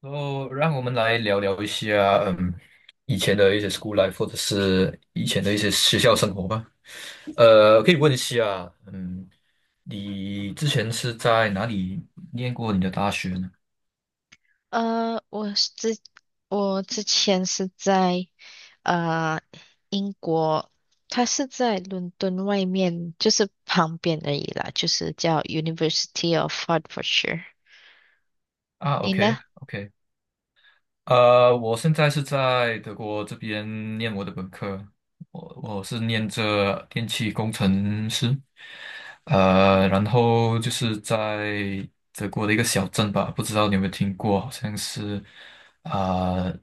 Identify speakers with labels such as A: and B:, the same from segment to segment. A: 然后，让我们来聊一下，以前的一些 school life，或者是以前的一些学校生活吧。可以问一下，你之前是在哪里念过你的大学呢？
B: 呃，我是之我之前是在呃英国。它是在伦敦外面，就是旁边而已啦，就是叫 University of Hefordshire。
A: 啊
B: 你呢？
A: ，OK，OK。我现在是在德国这边念我的本科，我是念着电气工程师。然后就是在德国的一个小镇吧，不知道你有没有听过，好像是啊、呃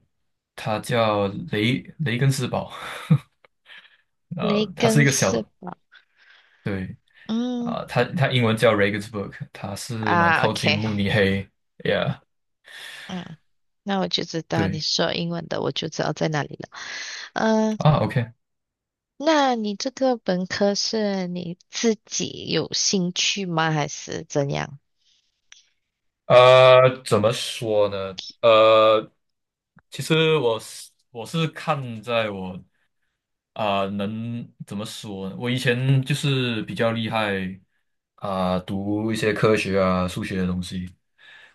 A: 它叫雷根斯堡，
B: 雷
A: 呃，它是一
B: 根
A: 个
B: 是
A: 小，
B: 吧？
A: 对，
B: 嗯。
A: 它英文叫 Regensburg，它是蛮
B: 啊
A: 靠近
B: ，OK。
A: 慕尼黑，yeah，
B: 嗯，那我就知道你
A: 对，
B: 说英文的，我就知道在哪里了。嗯。
A: 啊，OK。
B: 那你这个本科是你自己有兴趣吗？还是怎样？
A: 怎么说呢？其实我是看在我，能怎么说呢？我以前就是比较厉害，读一些科学啊、数学的东西，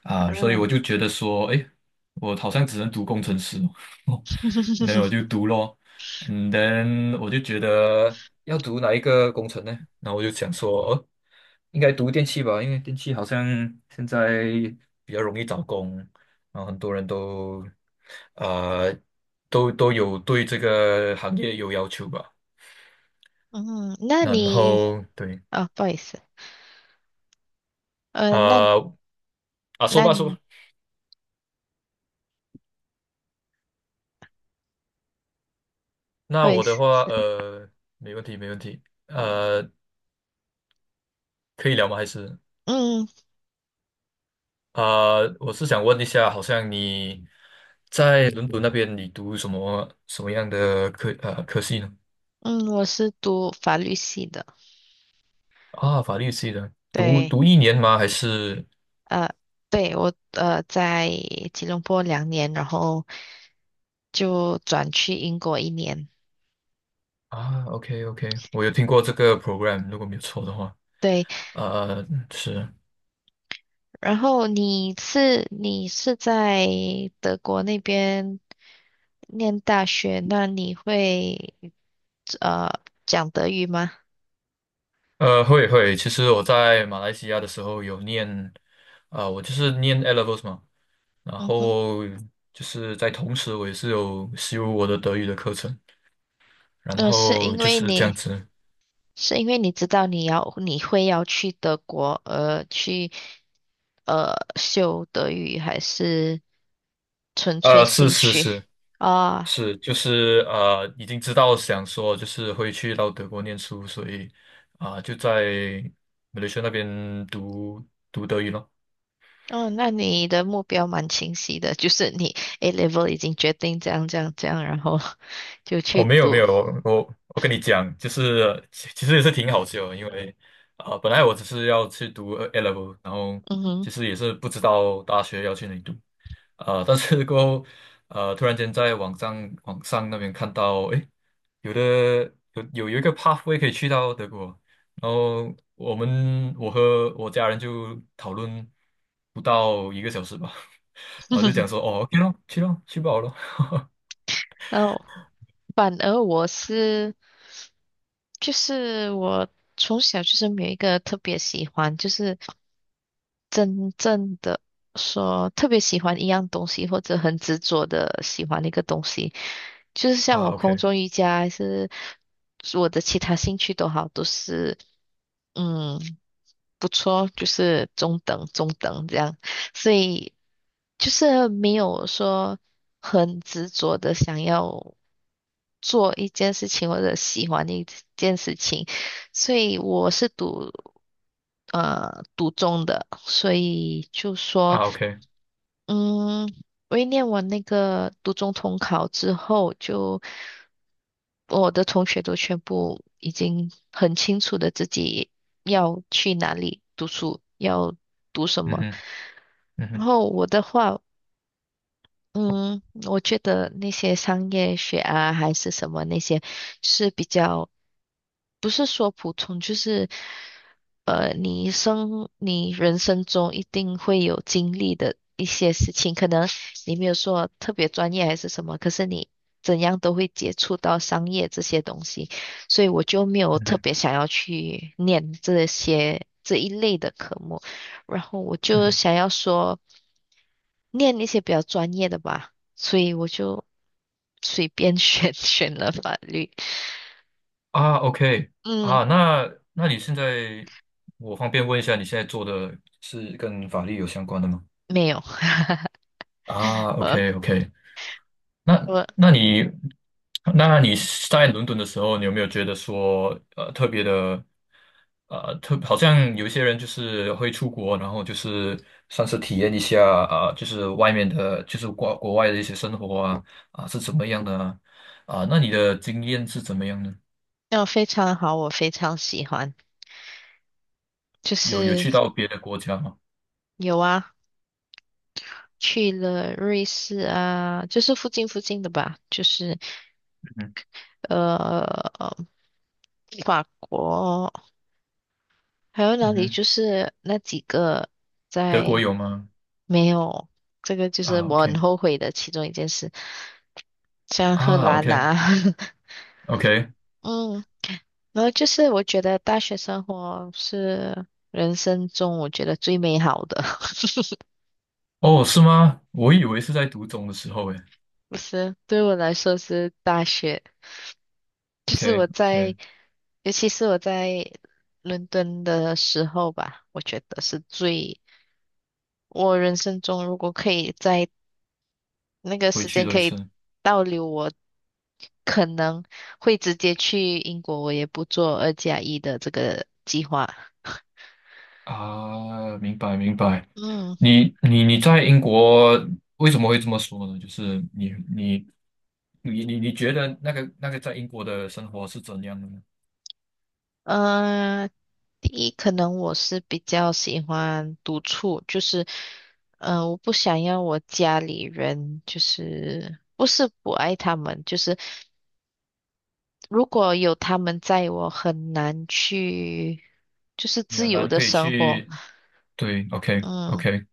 A: 所以我
B: 啊。
A: 就觉得说，诶，我好像只能读工程师哦。那我 就读咯，and then 我就觉得要读哪一个工程呢？然后我就想说，哦，应该读电器吧，因为电器好像现在比较容易找工，然后很多人都，呃都有对这个行业有要求吧。
B: 嗯，那
A: 然
B: 你。
A: 后对。
B: 啊，不好意思。呃，那
A: 啊、啊，说
B: 那
A: 吧说
B: 你
A: 吧。
B: 不
A: 那
B: 好意
A: 我的
B: 思。
A: 话，没问题没问题。可以聊吗？还是
B: 嗯
A: 我是想问一下，好像你在伦敦那边，你读什么什么样的科系呢？
B: 嗯，我是读法律系的。
A: 啊，法律系的，读
B: 对。
A: 读一年吗？还是？
B: 呃，对我在吉隆坡2年，然后就转去英国1年。
A: 啊，OK OK，我有听过这个 program，如果没有错的话。
B: 对。
A: 呃，呃是。
B: 然后你是在德国那边念大学，那你会呃讲德语吗？
A: 会会，其实我在马来西亚的时候有念，我就是念 e levels 嘛，然
B: 嗯哼。
A: 后就是在同时我也是有修我的德语的课程，然
B: 呃，是
A: 后
B: 因
A: 就
B: 为
A: 是这样
B: 你
A: 子。
B: 是因为你知道你会要去德国，去修德语，还是纯粹
A: 是
B: 兴
A: 是
B: 趣
A: 是
B: 啊？
A: 是，就是已经知道想说就是会去到德国念书，所以就在马来西亚那边读德语咯。
B: 哦，那你的目标蛮清晰的，就是你 A level 已经决定这样这样这样，然后 就
A: 哦，
B: 去
A: 没有没
B: 读。
A: 有，我跟你讲，就是其实也是挺好笑的，因为本来我只是要去读 A level，然后
B: 嗯哼。
A: 其实也是不知道大学要去哪里读。但是过后突然间在网上那边看到，诶，有的有一个 pathway 可以去到德国，然后我和我家人就讨论不到一个小时吧，然后就讲 说，哦，OK 咯，去咯，去不好咯。
B: 然后，反而我是，就是我从小就是没有一个特别喜欢，就是真正的说特别喜欢一样东西，或者很执着的喜欢一个东西，就是像
A: 啊
B: 我空
A: ，OK。
B: 中瑜伽还是我的其他兴趣都好，都是。嗯，不错，就是中等中等这样，所以就是没有说很执着的想要做一件事情或者喜欢一件事情，所以我是读中的，所以就说。
A: 啊，OK。
B: 嗯，我一念完那个读中统考之后，就我的同学都全部已经很清楚的自己要去哪里读书，要读什
A: 嗯
B: 么。
A: 哼。嗯
B: 然
A: 哼。
B: 后我的话，嗯，我觉得那些商业学啊，还是什么那些是比较，不是说普通，就是你人生中一定会有经历的，你没有说特别专业还是什么，可是你怎样都会接触到商业这些东西，所以我就没有
A: 嗯
B: 特
A: 哼。
B: 别想要去念这些这一类的科目，然后我
A: 嗯
B: 就
A: 哼。
B: 想要说念一些比较专业的吧，所以我就随便选 选了法律。
A: 啊，OK。
B: 嗯，
A: 啊，那那你现在，我方便问一下，你现在做的是跟法律有相关的吗？
B: 没有。
A: 啊
B: 我
A: ，OK，OK。那
B: 我
A: 那你那你在伦敦的时候，你有没有觉得说，特别的，好像有一些人就是会出国，然后就是算是体验一下，就是外面的，就是国外的一些生活啊，啊，是怎么样的啊？啊，那你的经验是怎么样呢？
B: 那我非常好，我非常喜欢，就
A: 有有
B: 是
A: 去到别的国家吗？
B: 有啊。去了瑞士啊，就是附近附近的吧，就是
A: 嗯。
B: 呃法国，还有
A: 嗯
B: 哪里？
A: 哼。
B: 就是那几个
A: 德国
B: 在。
A: 有吗？
B: 没有，这个，就是
A: 啊
B: 我
A: ，OK。
B: 很后悔的其中一件事，像荷
A: 啊
B: 兰
A: ，OK
B: 啊。
A: OK。
B: 嗯，然后就是我觉得大学生活是人生中我觉得最美好的。
A: 哦，是吗？我以为是在读中的时候诶。
B: 不是，对我来说是大学。就是
A: OK
B: 我
A: OK。
B: 在，尤其是我在伦敦的时候吧，我觉得是最，我人生中如果可以在那个
A: 回
B: 时
A: 去
B: 间
A: 多
B: 可
A: 一
B: 以
A: 次。
B: 倒流，我可能会直接去英国，我也不做2+1的这个计划。
A: 啊，明白明白。
B: 嗯。
A: 你在英国为什么会这么说呢？就是你你觉得那个那个在英国的生活是怎样的呢？
B: 呃，第一，可能我是比较喜欢独处，就是，我不想要我家里人，就是不是不爱他们，就是如果有他们在，我很难去，就是
A: 你
B: 自
A: 很
B: 由
A: 难
B: 的
A: 可以
B: 生活。
A: 去对，OK
B: 嗯。
A: OK。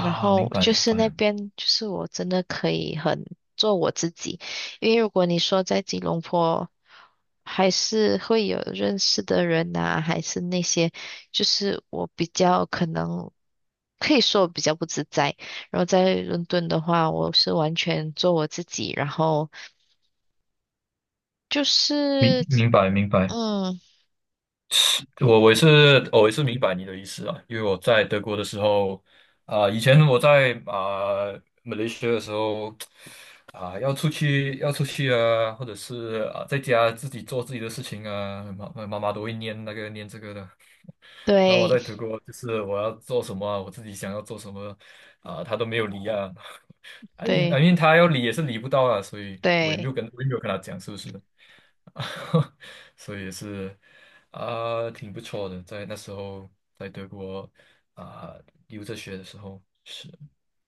B: 然后
A: 明白
B: 就
A: 明
B: 是那
A: 白。
B: 边，就是我真的可以很做我自己。因为如果你说在吉隆坡，还是会有认识的人呐、还是那些，就是我比较可能可以说我比较不自在。然后在伦敦的话，我是完全做我自己，然后就
A: 明
B: 是。
A: 明白明白。
B: 嗯。
A: 我我也是哦我也是明白你的意思啊。因为我在德国的时候，以前我在马来西亚的时候，要出去要出去啊，或者是在家自己做自己的事情啊，妈妈妈都会念那个念这个的。然后我
B: 对
A: 在德国就是我要做什么啊，我自己想要做什么，他都没有理啊。I mean I
B: 对。
A: mean 他要理也是理不到啊，所以我也没
B: 对
A: 有跟我也没有跟他讲，是不是？所以也是挺不错的。在那时候，在德国啊、留着学的时候，是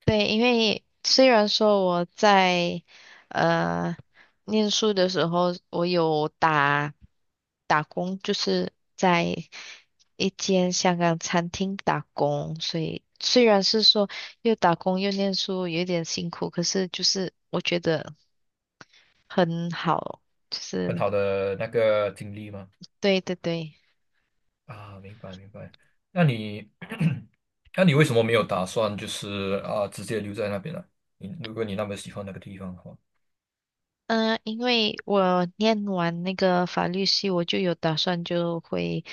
B: 对，因为虽然说我在呃念书的时候，我有打工，就是在一间香港餐厅打工，所以虽然是说又打工又念书，有点辛苦，可是就是我觉得很好，就
A: 很
B: 是。
A: 好的那个经历嘛。
B: 对对对。
A: 啊，明白明白。那你，那你为什么没有打算就是直接留在那边呢？你如果你那么喜欢那个地方的话。
B: 嗯。因为我念完那个法律系，我就有打算就会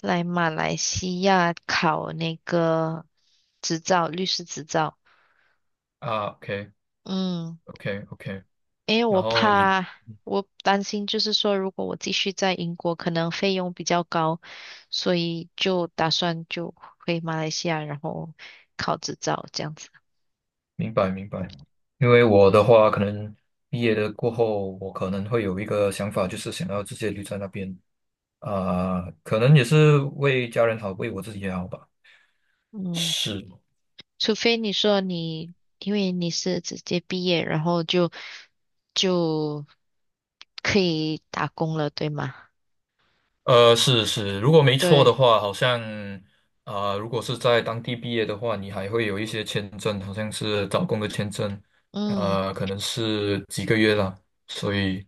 B: 来马来西亚考那个执照，律师执照。
A: 啊，OK
B: 嗯，
A: OK OK。
B: 因为
A: 然
B: 我
A: 后你
B: 怕，我担心就是说，如果我继续在英国，可能费用比较高，所以就打算就回马来西亚，然后考执照这样子。
A: 明白明白。因为我的话可能毕业的过后，我可能会有一个想法，就是想要直接留在那边。啊，可能也是为家人好，为我自己也好吧。
B: 嗯，
A: 是。
B: 除非你说你，因为你是直接毕业，然后就可以打工了，对吗？
A: 是是，如果没错的
B: 对。
A: 话，好像如果是在当地毕业的话，你还会有一些签证，好像是找工的签证。
B: 嗯
A: 可能是几个月啦，所以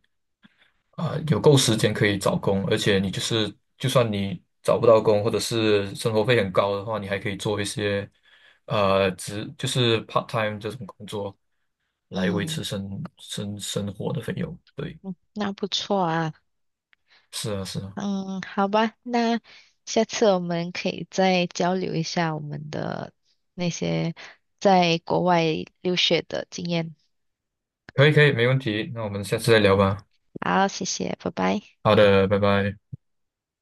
A: 有够时间可以找工，而且你就是就算你找不到工，或者是生活费很高的话，你还可以做一些，就是 part time 这种工作，来维
B: 嗯
A: 持生活的费用。对。
B: 嗯，那不错啊。
A: 是啊，是啊。
B: 嗯，好吧，那下次我们可以再交流一下我们的那些在国外留学的经验。
A: 可以可以，没问题。那我们下次再聊吧。
B: 好，谢谢，拜拜。
A: 好的，拜拜。